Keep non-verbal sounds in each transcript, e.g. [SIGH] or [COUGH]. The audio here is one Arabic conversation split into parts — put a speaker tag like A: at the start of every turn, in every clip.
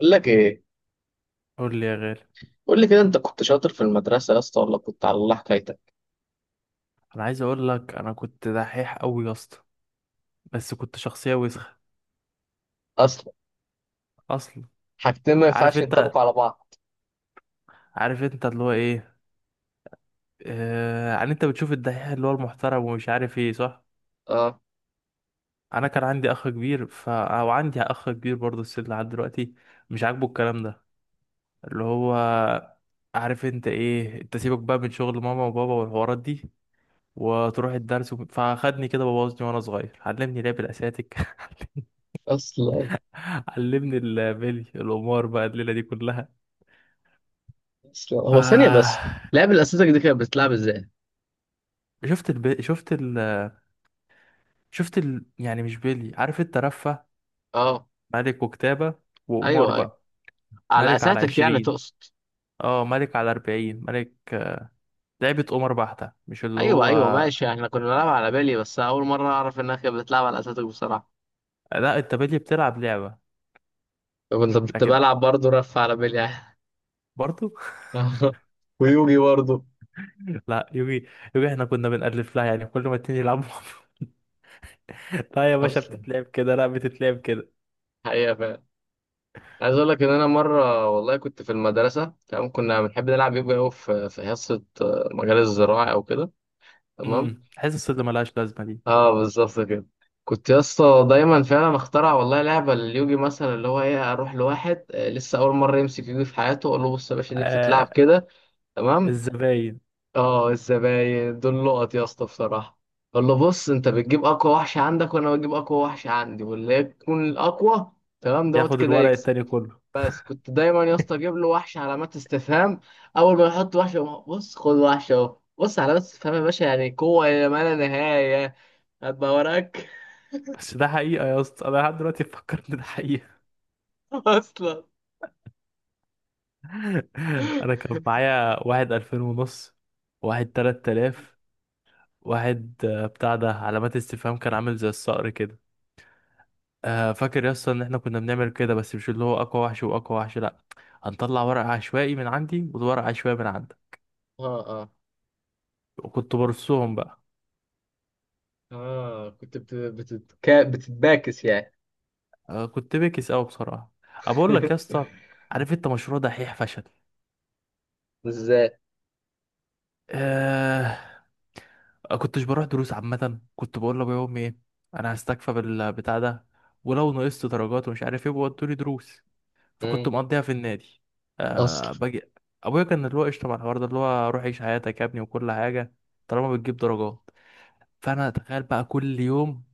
A: بقول لك ايه؟
B: قول لي يا غالي.
A: قول لي كده، انت كنت شاطر في المدرسه يا اسطى، ولا كنت على الله حكايتك؟
B: انا عايز اقول لك انا كنت دحيح قوي يا اسطى. بس كنت شخصيه وسخه
A: اصلا.
B: اصلا.
A: حاجتين ما
B: عارف
A: ينفعش
B: انت
A: ينطبقوا على بعض.
B: عارف انت اللي هو ايه. يعني انت بتشوف الدحيح اللي هو المحترم ومش عارف ايه، صح.
A: اه.
B: انا كان عندي اخ كبير ف او عندي اخ كبير برضه السن لحد دلوقتي، مش عاجبه الكلام ده، اللي هو عارف انت ايه. انت سيبك بقى من شغل ماما وبابا والحوارات دي، وتروح الدرس. فاخدني كده، بوظني وانا صغير، علمني لعب الاساتك. [LAUGHS]
A: اصلا.
B: علمني البلي، القمار، بقى الليله دي كلها.
A: اصلا، هو ثانية بس،
B: ف
A: لعب الاساتذة دي كانت بتلعب ازاي؟
B: شفت الب... شفت ال... شفت ال... يعني مش بلي، عارف انت، رفه.
A: اه.
B: ملك وكتابه، وقمار
A: ايوه ايوه،
B: بقى.
A: على
B: ملك على
A: اساتك يعني
B: 20،
A: تقصد؟
B: اه ملك على 40. ملك، لعبة قمر بحتة، مش اللي
A: ايوه
B: هو.
A: ايوه، ماشي. احنا كنا بنلعب على بالي، بس اول مرة اعرف انها كانت بتلعب على اساتك بصراحة.
B: لا، انت بلي بتلعب لعبة.
A: كنت
B: لكن
A: بلعب برضه رف على بالي يعني.
B: برضو.
A: [LAUGHS] ويوجي برضه.
B: [LAUGHS] لا، يوجي. يوجي احنا كنا بنألف لها، يعني كل ما اتنين يلعبوا. [LAUGHS] لا يا باشا،
A: اصلا.
B: بتتلعب كده، لا، بتتلعب كده.
A: حقيقة فعلا. عايز اقول لك ان انا مره والله كنت في المدرسه، تمام، كنا بنحب نلعب يوجا قوي في حصه مجال الزراعه او كده. تمام.
B: حاسس اللي ملهاش لازمة دي.
A: اه، بالظبط كده. كنت يا اسطى دايما فعلا اخترع والله لعبه لليوجي، مثلا اللي هو ايه، اروح لواحد لسه اول مره يمسك يوجي في حياته، اقول له: بص يا باشا دي بتتلعب
B: آه
A: كده. تمام.
B: الزباين
A: اه، الزباين دول لقط يا اسطى بصراحه. اقول له: بص، انت بتجيب اقوى وحش عندك وانا بجيب اقوى وحش عندي، واللي يكون الاقوى تمام دوت
B: ياخد
A: كده
B: الورق
A: يكسب.
B: التاني كله.
A: بس كنت دايما يا اسطى اجيب
B: [LAUGHS]
A: له وحش علامات استفهام. اول ما يحط وحش، يقوم بص، خد وحش اهو، بص، علامات استفهام يا باشا، يعني قوه الى ما لا نهايه. هبقى وراك.
B: بس ده حقيقة يا اسطى، انا لحد دلوقتي بفكر ان ده حقيقة.
A: [LAUGHS] اصلا.
B: [LAUGHS] انا كان معايا واحد 2500، واحد 3000، واحد بتاع ده علامات استفهام، كان عامل زي الصقر كده. فاكر يا اسطى ان احنا كنا بنعمل كده، بس مش اللي هو اقوى وحش واقوى وحش، لا. هنطلع ورق عشوائي من عندي وورق عشوائي من عندك،
A: اه اه
B: وكنت برصهم بقى.
A: اه. كنت بتتباكس يعني.
B: كنت بكس قوي بصراحة. أبقول لك يا
A: [LAUGHS]
B: اسطى، عارف انت، مشروع دحيح فشل.
A: ازاي؟
B: آه كنتش بروح دروس عامة. كنت بقول لأبويا وأمي إيه، أنا هستكفى بالبتاع ده، ولو نقصت درجات ومش عارف إيه بيودولي دروس. فكنت
A: مم.
B: مقضيها في النادي.
A: اصلا.
B: باجي. أبويا كان اللي هو قشطة مع الحوار ده، اللي هو روح عيش حياتك يا ابني وكل حاجة، طالما بتجيب درجات. فأنا أتخيل بقى كل يوم،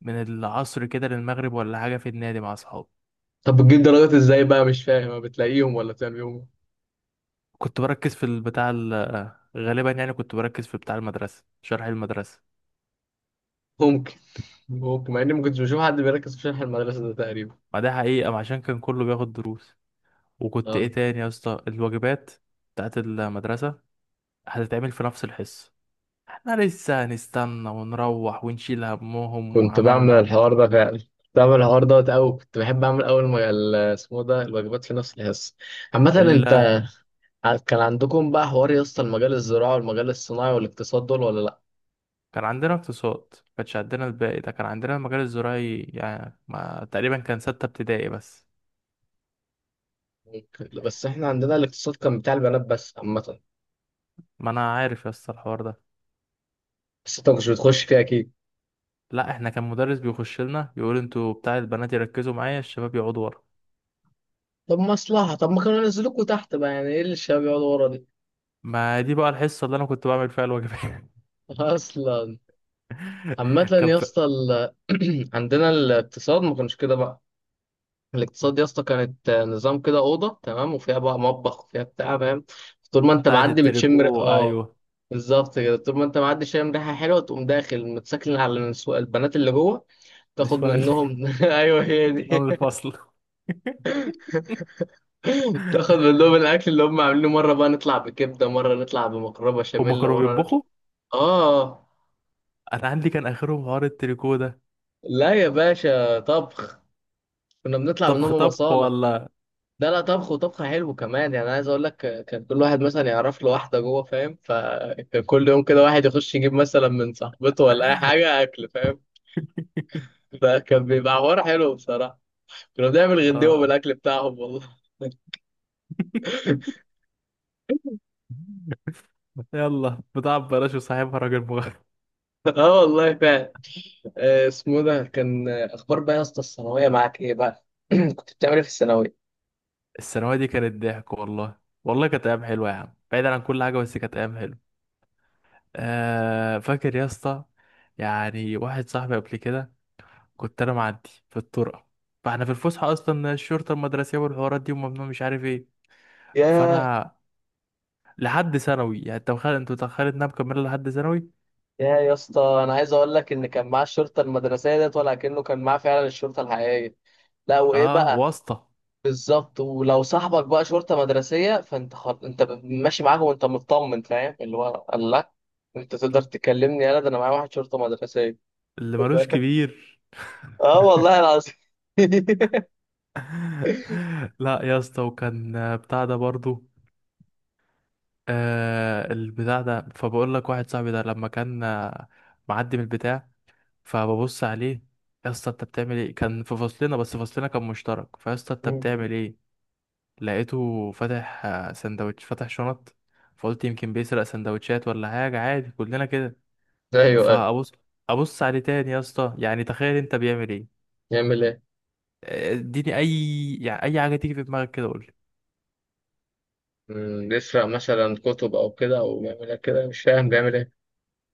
B: من العصر كده للمغرب ولا حاجة، في النادي مع أصحابي.
A: طب بتجيب درجات ازاي بقى؟ مش فاهم، ما بتلاقيهم ولا بتعمل بيهم؟
B: كنت بركز في البتاع غالبا يعني كنت بركز في بتاع المدرسة، شرح المدرسة.
A: ممكن. ممكن، مع اني ما كنتش بشوف حد بيركز في شرح المدرسه ده تقريبا.
B: ما ده حقيقة، ما عشان كان كله بياخد دروس. وكنت ايه
A: اه،
B: تاني يا اسطى، الواجبات بتاعت المدرسة هتتعمل في نفس الحصة. احنا لسه هنستنى ونروح ونشيل همهم
A: كنت بعمل
B: وعملنا.
A: الحوار ده فعلا، كنت بعمل الحوار دوت أوي، كنت بحب أعمل أول ما اسمه ده الواجبات في نفس الحصة. عامة أنت،
B: ال...
A: كان عندكم بقى حوار يا اسطى، المجال الزراعي والمجال الصناعي والاقتصاد دول ولا لأ؟
B: كان عندنا اقتصاد، ما كانش عندنا الباقي ده. كان عندنا المجال الزراعي، يعني ما... تقريبا كان ستة ابتدائي بس.
A: ممكن. بس إحنا عندنا الاقتصاد كان بتاع البنات بس عامة.
B: ما انا عارف يا اسطى الحوار ده.
A: بس أنت مش بتخش فيه أكيد.
B: لا، احنا كان مدرس بيخش لنا يقول: انتوا بتاع البنات يركزوا معايا، الشباب يقعدوا ورا.
A: طب مصلحة. طب ما كانوا ينزلوكوا تحت بقى، يعني إيه اللي الشباب يقعدوا ورا دي؟
B: ما دي بقى الحصة اللي انا كنت بعمل فيها الواجبات. [LAUGHS]
A: [LAUGHS] أصلا. عامة
B: كان
A: يا
B: في...
A: اسطى [CLEARS THROAT] عندنا الاقتصاد ما كانش كده بقى. الاقتصاد يا اسطى كانت نظام كده، اوضه تمام وفيها بقى مطبخ وفيها بتاع، فاهم؟ طول ما انت
B: بتاعت
A: معدي بتشم
B: التريكو،
A: اه.
B: ايوه،
A: بالظبط كده. طول ما انت معدي شامم ريحه حلوه، تقوم داخل متسكن على البنات اللي جوه، تاخد
B: نسوان،
A: منهم. [LAUGHS] ايوه هي دي.
B: نعمل الفصل.
A: تاخد
B: [LAUGHS]
A: منهم الاكل اللي هم عاملينه. مره بقى نطلع بكبده، مره نطلع بمقربه
B: هما
A: بشاميل،
B: كانوا
A: مره نطلع.
B: بيطبخوا.
A: اه.
B: انا عندي كان اخرهم حوار التريكو ده.
A: لا يا باشا، طبخ. كنا بنطلع
B: طبخ
A: منهم
B: طبخ،
A: مصالح.
B: ولا؟
A: لا لا، طبخ، وطبخ حلو كمان يعني. عايز اقول لك كان كل واحد مثلا يعرف له واحده جوه، فاهم؟ فكان كل يوم كده واحد يخش يجيب مثلا من صاحبته ولا اي حاجه اكل، فاهم؟ فكان بيبقى حوار حلو بصراحه. كنا بنعمل غدوه
B: آه.
A: بالاكل بتاعهم والله.
B: [LAUGHS] يلا، بتاع ببلاش وصاحبها راجل مغرب.
A: [LAUGHS] اه والله فعلا. اسمه ده كان اخبار بقى يا اسطى، الثانويه معاك ايه بقى؟ [CLEARS THROAT] كنت بتعمل ايه في الثانويه؟
B: الثانويه دي كانت ضحك والله. والله كانت ايام حلوه يا عم، بعيدا عن كل حاجه، بس كانت ايام حلوه. فاكر يا اسطى، يعني واحد صاحبي قبل كده، كنت انا معدي في الطرقه. فاحنا في الفسحه اصلا، الشرطه المدرسيه والحوارات دي وممنوع مش عارف ايه.
A: ياه.
B: فانا، لحد ثانوي يعني، انت متخيل انها مكمله لحد ثانوي.
A: يا اسطى، انا عايز اقول لك ان كان معاه الشرطه المدرسيه ديت ولا كأنه كان معاه فعلا الشرطه الحقيقيه. لا، وايه
B: اه،
A: بقى؟
B: واسطة
A: بالظبط. ولو صاحبك بقى شرطة مدرسية فانت ماشي معاهم وانت مطمن، فاهم اللي هو، الله. انت تقدر تكلمني؟ يلا ده انا معايا واحد شرطة مدرسية.
B: اللي مالوش
A: [LAUGHS]
B: كبير.
A: اه والله العظيم. [LAUGHS]
B: [LAUGHS] لا يا اسطى، وكان بتاع ده برضو. البتاع ده، فبقول لك واحد صاحبي ده لما كان معدي من البتاع، فببص عليه. يا اسطى انت بتعمل ايه؟ كان في فصلنا، بس فصلنا كان مشترك. فيا اسطى انت بتعمل ايه؟ لقيته فاتح سندوتش، فاتح شنط. فقلت يمكن بيسرق سندوتشات ولا حاجة، عادي كلنا كده.
A: ايوه ايوه.
B: فابص ابص عليه تاني يا اسطى، يعني تخيل انت بيعمل ايه.
A: يعمل ايه؟
B: اديني اي يعني اي حاجه تيجي في دماغك كده قول لي.
A: يسرق مثلا كتب او كده، او بيعمل إيه كده؟ مش فاهم بيعمل ايه.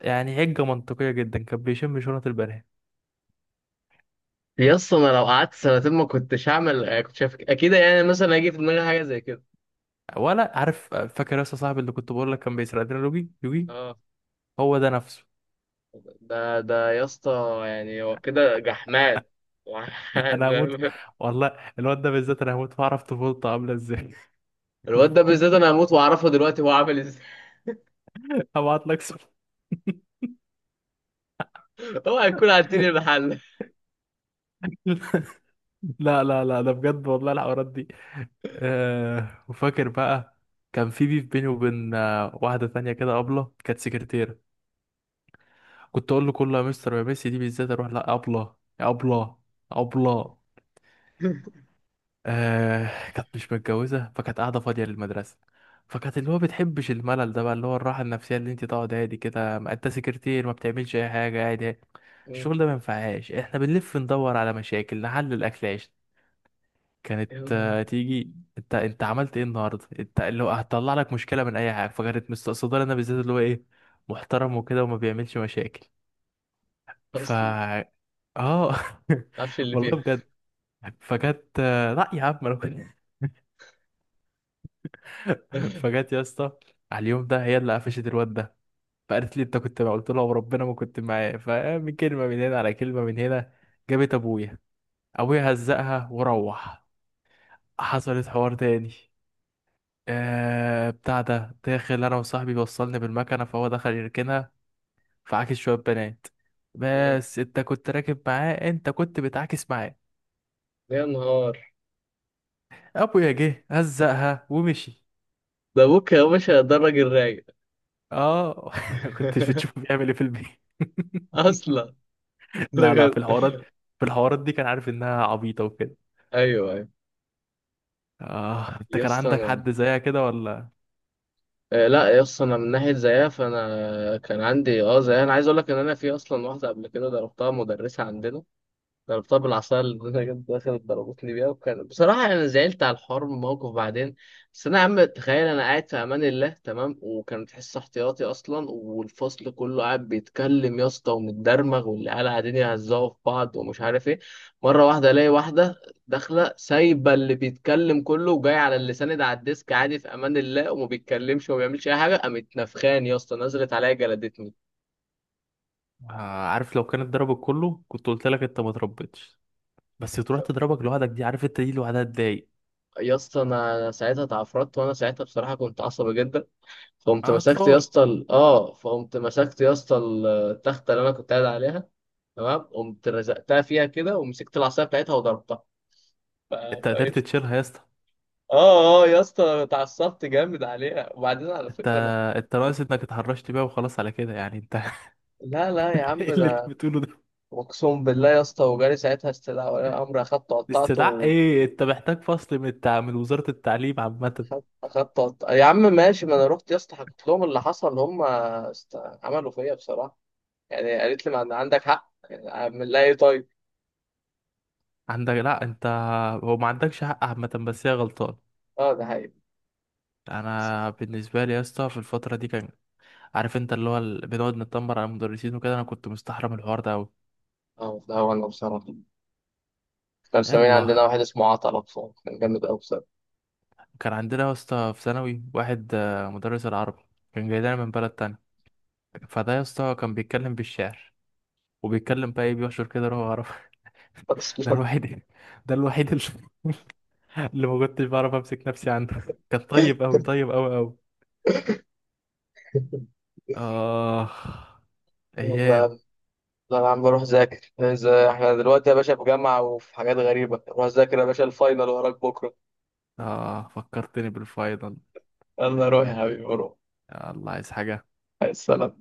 B: يعني حجه منطقيه جدا، كان بيشم شنط البنات.
A: يا اسطى، انا لو قعدت سنتين ما كنتش هعمل كنت شايف اكيد، يعني مثلا هيجي في دماغي حاجه زي كده؟
B: ولا، عارف، فاكر يا اسطى صاحبي اللي كنت بقول لك كان بيسرق لنا يوجي يوجي،
A: اه.
B: هو ده نفسه.
A: ده يا اسطى يعني هو كده جحمان. [LAUGHS]
B: [LAUGHS] انا هموت
A: فاهم؟
B: والله. الواد ده بالذات انا هموت واعرف طفولته عامله ازاي.
A: الواد ده
B: [LAUGHS]
A: بالذات انا هموت واعرفه دلوقتي هو عامل ازاي.
B: هبعت لك صور.
A: [LAUGHS] اوعى يكون
B: [LAUGHS]
A: عدتني المحل.
B: لا، لا، لا، ده بجد والله الحوارات دي. وفاكر بقى، كان في بيف بيني وبين واحدة تانية كده، أبلة كانت سكرتيرة. كنت أقول له كله يا مستر يا ميسي، دي بالذات أروح لا، أبلة يا أبلة أبلة. كانت مش متجوزة فكانت قاعدة فاضية للمدرسة. فكانت اللي هو بتحبش الملل ده بقى، اللي هو الراحة النفسية اللي انت تقعد هادي كده، ما انت سكرتير ما بتعملش أي حاجة، قاعد هادي. الشغل ده ما
A: [LAUGHS]
B: ينفعهاش، احنا بنلف ندور على مشاكل نحل الأكلاش. كانت تيجي: انت عملت ايه النهارده، انت اللي هو، هتطلع لك مشكله من اي حاجه. فكانت مستقصداني انا بالذات، اللي هو ايه، محترم وكده وما بيعملش مشاكل. ف
A: اصلا. ما
B: اه [LAUGHS]
A: تعرفش اللي
B: والله
A: فيها.
B: بجد. فجت، لا يا عم انا كنت. فجت يا اسطى على اليوم ده، هي اللي قفشت الواد ده. فقالت لي: انت كنت معاه؟ قلت لها: وربنا ما كنت معاه. فمن كلمه من هنا على كلمه من هنا، جابت ابويا. ابويا هزقها وروح. حصلت حوار تاني. بتاع ده، داخل انا وصاحبي، وصلني بالمكنه فهو دخل يركنها، فعاكس شويه بنات.
A: مم.
B: بس انت كنت راكب معاه، انت كنت بتعاكس معاه.
A: يا نهار.
B: ابويا جه هزقها ومشي.
A: ده ابوك يا باشا؟ ده الراجل رايق.
B: اه. [LAUGHS] كنتش
A: [LAUGHS]
B: بتشوفه بيعمل ايه في البيت.
A: اصلا،
B: لا، لا، في
A: بجد.
B: الحوارات في الحوارات دي كان عارف انها عبيطة وكده.
A: ايوه ايوه.
B: انت
A: يا
B: كان
A: اسطى
B: عندك
A: انا
B: حد زيها كده ولا؟
A: آه، لا يا اسطى، انا من ناحيه زيها فانا كان عندي زيها، انا عايز اقول لك ان انا في اصلا واحده قبل كده ضربتها مدرسه عندنا. جربتها بالعصاية اللي أنا جبت، دخلت ضربتني بيها، وكان بصراحة أنا زعلت على الحوار من الموقف بعدين. بس أنا يا عم تخيل، أنا قاعد في أمان الله تمام، وكانت حصة احتياطي أصلا، والفصل كله قاعد بيتكلم يا اسطى ومتدرمغ، والعيال قاعدين يهزقوا في بعض ومش عارف إيه. مرة واحدة ألاقي واحدة داخلة، سايبة اللي بيتكلم كله، وجاي على اللي ساند على الديسك عادي في أمان الله وما بيتكلمش وما بيعملش أي حاجة، قامت نفخاني يا اسطى، نزلت عليا جلدتني.
B: آه عارف، لو كانت ضربك كله كنت قلت لك انت ما تربيتش. بس تروح
A: ف-
B: تضربك لوحدك دي، عارف انت، دي لوحدها تضايق.
A: يا اسطى أنا ساعتها اتعفرت، وأنا ساعتها بصراحة كنت عصبي جدا.
B: اطفال.
A: فقمت مسكت يا اسطى التخته اللي انا كنت قاعد عليها. تمام. قمت رزقتها فيها كده، ومسكت العصايه بتاعتها وضربتها. ف-
B: انت قدرت
A: فايش.
B: تشيلها يا اسطى؟
A: اه اه، يا اسطى اتعصبت جامد عليها، وبعدين على
B: انت
A: فكره انا.
B: انت ناقص انك اتهرشت بيها وخلاص، على كده يعني انت. [LAUGHS]
A: لا لا يا
B: إنت
A: عم،
B: ايه اللي انت
A: ده.
B: بتقوله ده؟
A: اقسم بالله يا اسطى، وجالي ساعتها استدعاء ولي امر، اخدت
B: الاستدعاء
A: قطعته.
B: ايه؟ انت محتاج فصل من من وزارة التعليم عامة.
A: يا عم ماشي، ما انا رحت يا اسطى حكيت لهم اللي حصل، هم عملوا فيا بصراحه. يعني قالت لي ما عندك حق، يعني اعمل لها ايه طيب؟
B: عندك، لا، انت، هو ما عندكش حق عامة، بس هي غلطان.
A: اه، ده حقيقي.
B: انا بالنسبه لي يا اسطى، في الفتره دي كان، عارف انت اللي هو بنقعد نتنمر على المدرسين وكده، انا كنت مستحرم الحوار ده قوي.
A: اه. لا والله، وانا بصراحة كان مسمين عندنا
B: يلا.
A: واحد اسمه عطلة، بصراحة كان جامد أوي بصراحة.
B: كان عندنا يا اسطى في ثانوي واحد مدرس العربي. كان جاي لنا من بلد تاني. فده يا اسطى كان بيتكلم بالشعر، وبيتكلم بقى ايه، بيحشر كده روح عربي. [LAUGHS] ده
A: [LAUGHS]
B: الوحيد. ده الوحيد اللي [LAUGHS] اللي ما كنتش بعرف امسك نفسي عنه، كان طيب قوي، طيب قوي قوي. اه ايام.
A: والله. لا يا عم، بروح أذاكر. إذا إحنا دلوقتي يا باشا في جامعة وفي حاجات غريبة، روح أذاكر يا باشا، الفاينل وراك بكرة.
B: اه فكرتني بالفاينل.
A: يلا روح يا حبيبي، روح.
B: يا الله، عايز حاجه؟
A: السلام.